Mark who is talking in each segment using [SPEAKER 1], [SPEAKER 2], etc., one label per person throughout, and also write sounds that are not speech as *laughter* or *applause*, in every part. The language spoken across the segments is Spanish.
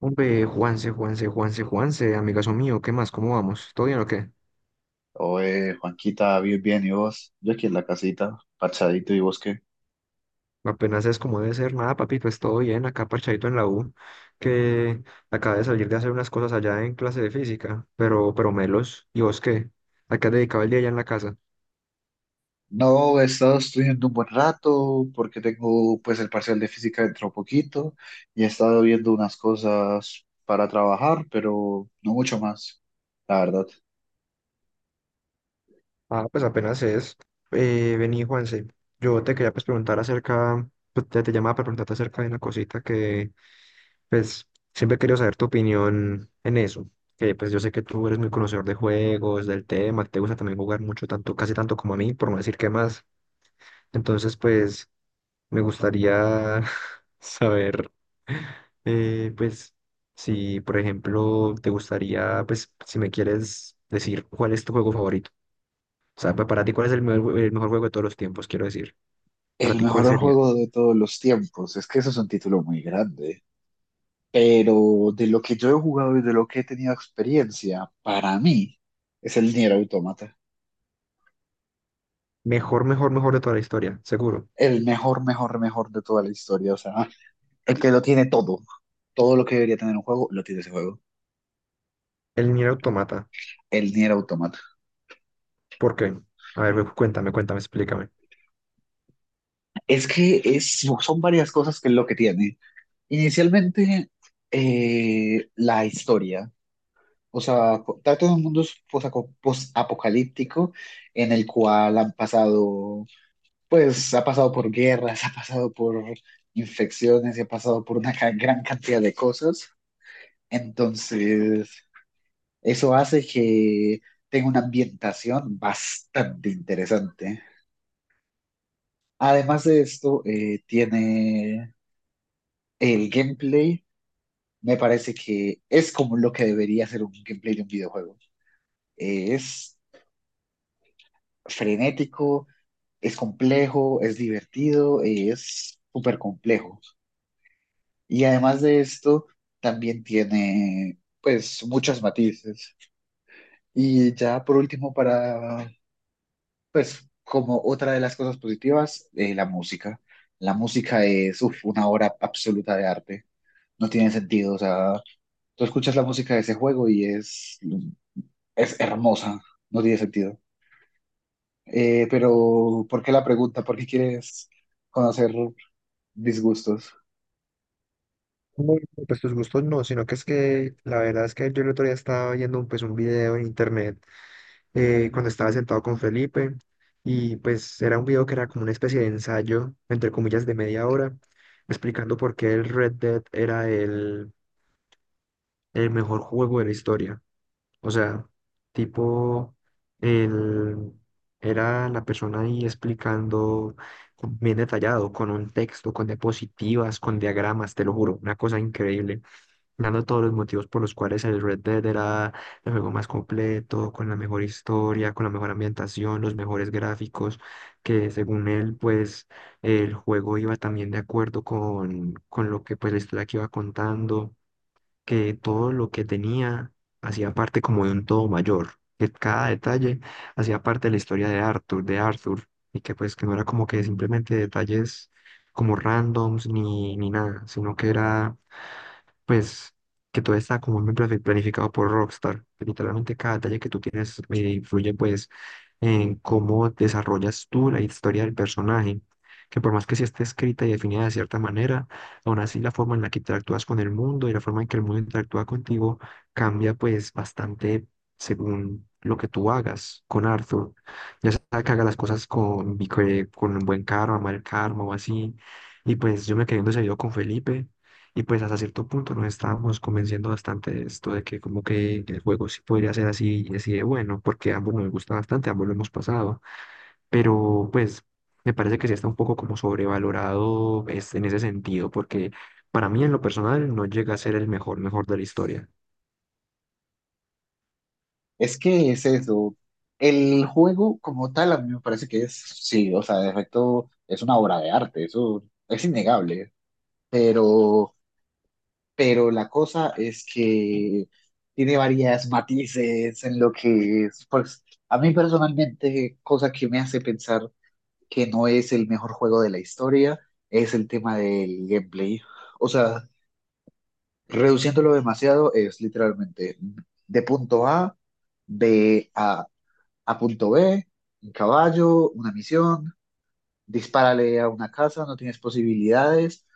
[SPEAKER 1] Hombre, Juanse, amigazo mío, ¿qué más? ¿Cómo vamos? ¿Todo bien o qué?
[SPEAKER 2] Oye, Juanquita, bien, bien, ¿y vos? Yo aquí en la casita, parchadito, ¿y vos qué?
[SPEAKER 1] Apenas es como debe ser, nada, papito, es todo bien, acá parchadito en la U, que acabé de salir de hacer unas cosas allá en clase de física, pero melos, ¿y vos qué? ¿A qué has dedicado el día allá en la casa?
[SPEAKER 2] No, he estado estudiando un buen rato porque tengo pues el parcial de física dentro poquito y he estado viendo unas cosas para trabajar, pero no mucho más, la verdad.
[SPEAKER 1] Ah, pues apenas es. Vení, Juanse, yo te quería pues preguntar te llamaba para preguntarte acerca de una cosita que, pues siempre he querido saber tu opinión en eso, que pues yo sé que tú eres muy conocedor de juegos, del tema, que te gusta también jugar mucho, tanto, casi tanto como a mí, por no decir que más. Entonces, pues me gustaría *laughs* saber, pues, si, por ejemplo, te gustaría, pues, si me quieres decir cuál es tu juego favorito. O sea, para ti, ¿cuál es el mejor juego de todos los tiempos? Quiero decir, para
[SPEAKER 2] El
[SPEAKER 1] ti, ¿cuál
[SPEAKER 2] mejor
[SPEAKER 1] sería?
[SPEAKER 2] juego de todos los tiempos, es que eso es un título muy grande, pero de lo que yo he jugado y de lo que he tenido experiencia, para mí es el Nier Automata.
[SPEAKER 1] Mejor de toda la historia, seguro.
[SPEAKER 2] El mejor, mejor, mejor de toda la historia, o sea. El que lo tiene todo, todo lo que debería tener un juego, lo tiene ese juego.
[SPEAKER 1] El Nier Automata.
[SPEAKER 2] El Nier Automata.
[SPEAKER 1] ¿Por qué? A ver, cuéntame, explícame.
[SPEAKER 2] Es que es, son varias cosas que es lo que tiene. Inicialmente, la historia. O sea, trata de un mundo post-apocalíptico en el cual pues, ha pasado por guerras, *laughs* ha pasado por infecciones, y ha pasado por una gran cantidad de cosas. Entonces, eso hace que tenga una ambientación bastante interesante. Además de esto, tiene el gameplay. Me parece que es como lo que debería ser un gameplay de un videojuego. Es frenético, es complejo, es divertido, es súper complejo. Y además de esto, también tiene pues muchos matices. Y ya por último, para pues como otra de las cosas positivas, la música. La música es uf, una obra absoluta de arte. No tiene sentido, o sea, tú escuchas la música de ese juego y es hermosa, no tiene sentido. Pero, ¿por qué la pregunta? ¿Por qué quieres conocer disgustos?
[SPEAKER 1] No, no, pues tus gustos no, sino que es que la verdad es que yo el otro día estaba viendo un video en internet cuando estaba sentado con Felipe, y pues era un video que era como una especie de ensayo, entre comillas, de media hora, explicando por qué el Red Dead era el mejor juego de la historia. O sea, tipo, él era la persona ahí explicando bien detallado, con un texto, con diapositivas, con diagramas, te lo juro, una cosa increíble, dando todos los motivos por los cuales el Red Dead era el juego más completo, con la mejor historia, con la mejor ambientación, los mejores gráficos, que según él, pues el juego iba también de acuerdo con lo que pues la historia que iba contando, que todo lo que tenía hacía parte como de un todo mayor, que cada detalle hacía parte de la historia de Arthur, y que pues que no era como que simplemente detalles como randoms ni nada, sino que era pues que todo está como muy planificado por Rockstar, que literalmente cada detalle que tú tienes influye pues en cómo desarrollas tú la historia del personaje. Que por más que sí esté escrita y definida de cierta manera, aún así la forma en la que interactúas con el mundo y la forma en que el mundo interactúa contigo cambia pues bastante según lo que tú hagas con Arthur. Ya sea que haga las cosas con un buen karma, mal karma o así. Y pues yo me quedé en ese video con Felipe, y pues hasta cierto punto nos estábamos convenciendo bastante de esto, de que como que el juego sí podría ser así y así de bueno, porque a ambos nos gusta bastante, ambos lo hemos pasado, pero pues me parece que sí está un poco como sobrevalorado es, en ese sentido, porque para mí en lo personal no llega a ser mejor de la historia.
[SPEAKER 2] Es que es eso. El juego como tal a mí me parece que es, sí, o sea, de efecto es una obra de arte, eso es innegable. Pero, pero la cosa es que tiene varias matices en lo que es, pues, a mí personalmente, cosa que me hace pensar que no es el mejor juego de la historia, es el tema del gameplay. O sea, reduciéndolo demasiado es literalmente de punto A, B a punto B, un caballo, una misión, dispárale a una casa, no tienes posibilidades,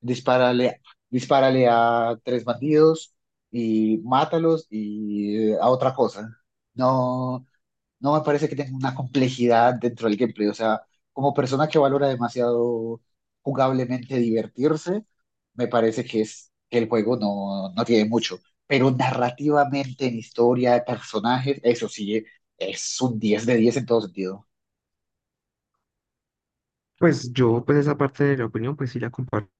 [SPEAKER 2] dispárale, dispárale a tres bandidos y mátalos y a otra cosa. No, no me parece que tenga una complejidad dentro del gameplay. O sea, como persona que valora demasiado jugablemente divertirse, me parece que es que el juego no, no tiene mucho. Pero narrativamente, en historia, personajes, eso sí, es un 10 de 10 en todo sentido.
[SPEAKER 1] Pues esa parte de la opinión pues sí la comparto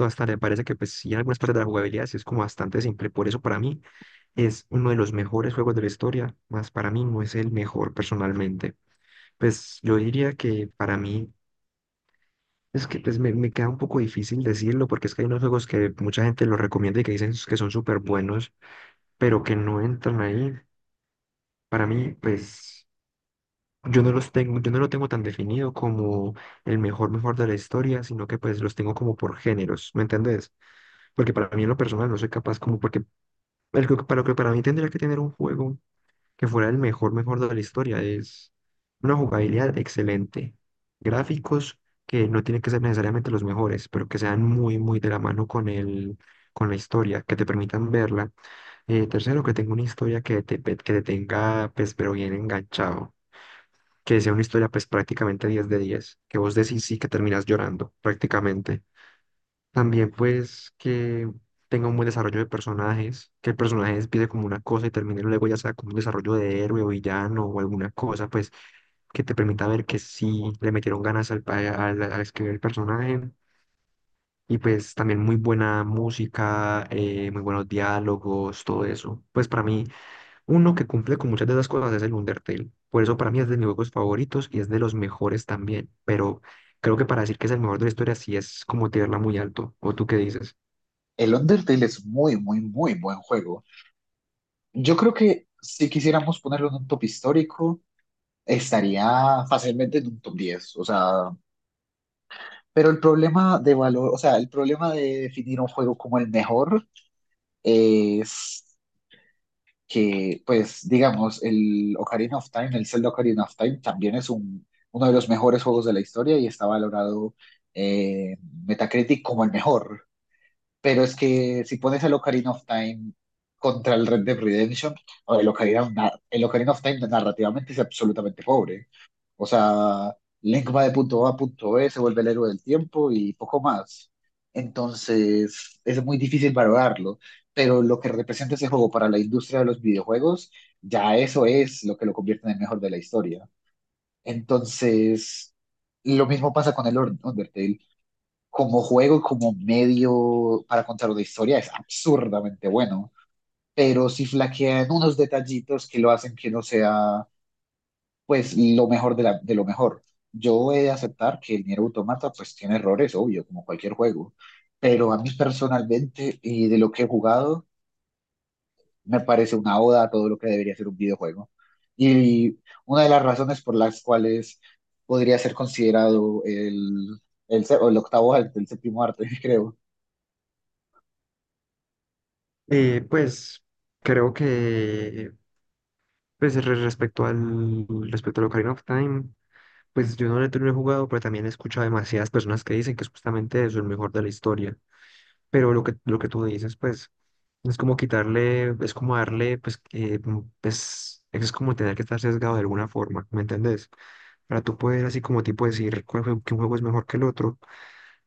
[SPEAKER 1] hasta, me parece que pues sí en algunas partes de la jugabilidad sí es como bastante simple, por eso para mí es uno de los mejores juegos de la historia, más para mí no es el mejor personalmente. Pues yo diría que para mí es que me queda un poco difícil decirlo porque es que hay unos juegos que mucha gente los recomienda y que dicen que son súper buenos, pero que no entran ahí. Para mí, pues yo no lo tengo tan definido como el mejor mejor de la historia, sino que pues los tengo como por géneros, ¿me entendés? Porque para mí en lo personal no soy capaz como porque para lo que para mí tendría que tener un juego que fuera el mejor, mejor de la historia. Es una jugabilidad excelente. Gráficos que no tienen que ser necesariamente los mejores, pero que sean muy, muy de la mano con la historia, que te permitan verla. Tercero, que tenga una historia que que te tenga, pues, pero bien enganchado. Que sea una historia, pues, prácticamente 10 de diez, que vos decís sí, que terminas llorando, prácticamente. También pues que tenga un buen desarrollo de personajes, que el personaje empiece como una cosa y termine luego ya sea como un desarrollo de héroe o villano o alguna cosa, pues que te permita ver que sí le metieron ganas al escribir el personaje. Y pues también muy buena música, muy buenos diálogos, todo eso. Pues para mí, uno que cumple con muchas de esas cosas es el Undertale. Por eso para mí es de mis juegos favoritos y es de los mejores también. Pero creo que para decir que es el mejor de la historia sí es como tirarla muy alto. ¿O tú qué dices?
[SPEAKER 2] El Undertale es muy, muy, muy buen juego. Yo creo que si quisiéramos ponerlo en un top histórico, estaría fácilmente en un top 10. O sea, pero el problema de valor, o sea, el problema de definir un juego como el mejor es que, pues, digamos, el Ocarina of Time, el Zelda Ocarina of Time, también es uno de los mejores juegos de la historia y está valorado eh, Metacritic como el mejor. Pero es que si pones el Ocarina of Time contra el Red Dead Redemption, o el Ocarina, el Ocarina of Time narrativamente es absolutamente pobre. O sea, Link va de punto A a punto B, se vuelve el héroe del tiempo y poco más. Entonces, es muy difícil valorarlo, pero lo que representa ese juego para la industria de los videojuegos, ya eso es lo que lo convierte en el mejor de la historia. Entonces, lo mismo pasa con el Undertale. Como juego, y como medio para contar una historia, es absurdamente bueno, pero si flaquean unos detallitos que lo hacen que no sea pues lo mejor de lo mejor. Yo he de aceptar que el Nier Automata pues tiene errores, obvio, como cualquier juego, pero a mí personalmente y de lo que he jugado me parece una oda a todo lo que debería ser un videojuego. Y una de las razones por las cuales podría ser considerado o el octavo arte, el séptimo arte, *laughs* creo.
[SPEAKER 1] Y pues creo que pues respecto al respecto al Ocarina of Time, pues yo no lo he tenido jugado, pero también he escuchado demasiadas personas que dicen que es justamente eso, el mejor de la historia. Pero lo que tú dices, pues es como quitarle, es como darle, pues pues, es como tener que estar sesgado de alguna forma, ¿me entendés? Para tú poder así como tipo decir que un juego es mejor que el otro,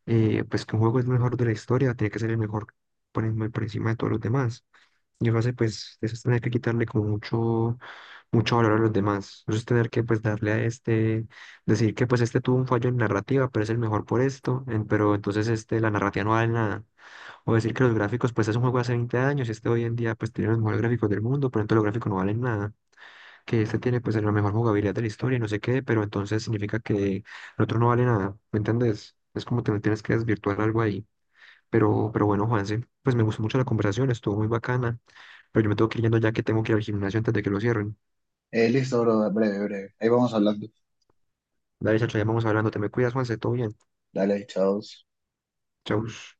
[SPEAKER 1] pues que un juego es mejor de la historia, tiene que ser el mejor por encima de todos los demás. Y lo hace, pues, eso es tener que quitarle como mucho, mucho valor a los demás. Eso es tener que, pues, darle a este, decir que, pues, este tuvo un fallo en narrativa, pero es el mejor por esto, pero entonces, este, la narrativa no vale nada. O decir que los gráficos, pues, es un juego de hace 20 años y este hoy en día, pues, tiene los mejores gráficos del mundo, pero entonces los gráficos no valen nada. Que este tiene, pues, la mejor jugabilidad de la historia y no sé qué, pero entonces significa que el otro no vale nada. ¿Me entendés? Es como te tienes que desvirtuar algo ahí. Pero bueno, Juanse, pues me gustó mucho la conversación, estuvo muy bacana. Pero yo me tengo que ir yendo ya que tengo que ir al gimnasio antes de que lo cierren.
[SPEAKER 2] Listo, bro, breve, breve. Ahí vamos hablando.
[SPEAKER 1] Dale, chacho, ya vamos hablando. Te me cuidas, Juanse, todo bien.
[SPEAKER 2] Dale, chao.
[SPEAKER 1] Chau.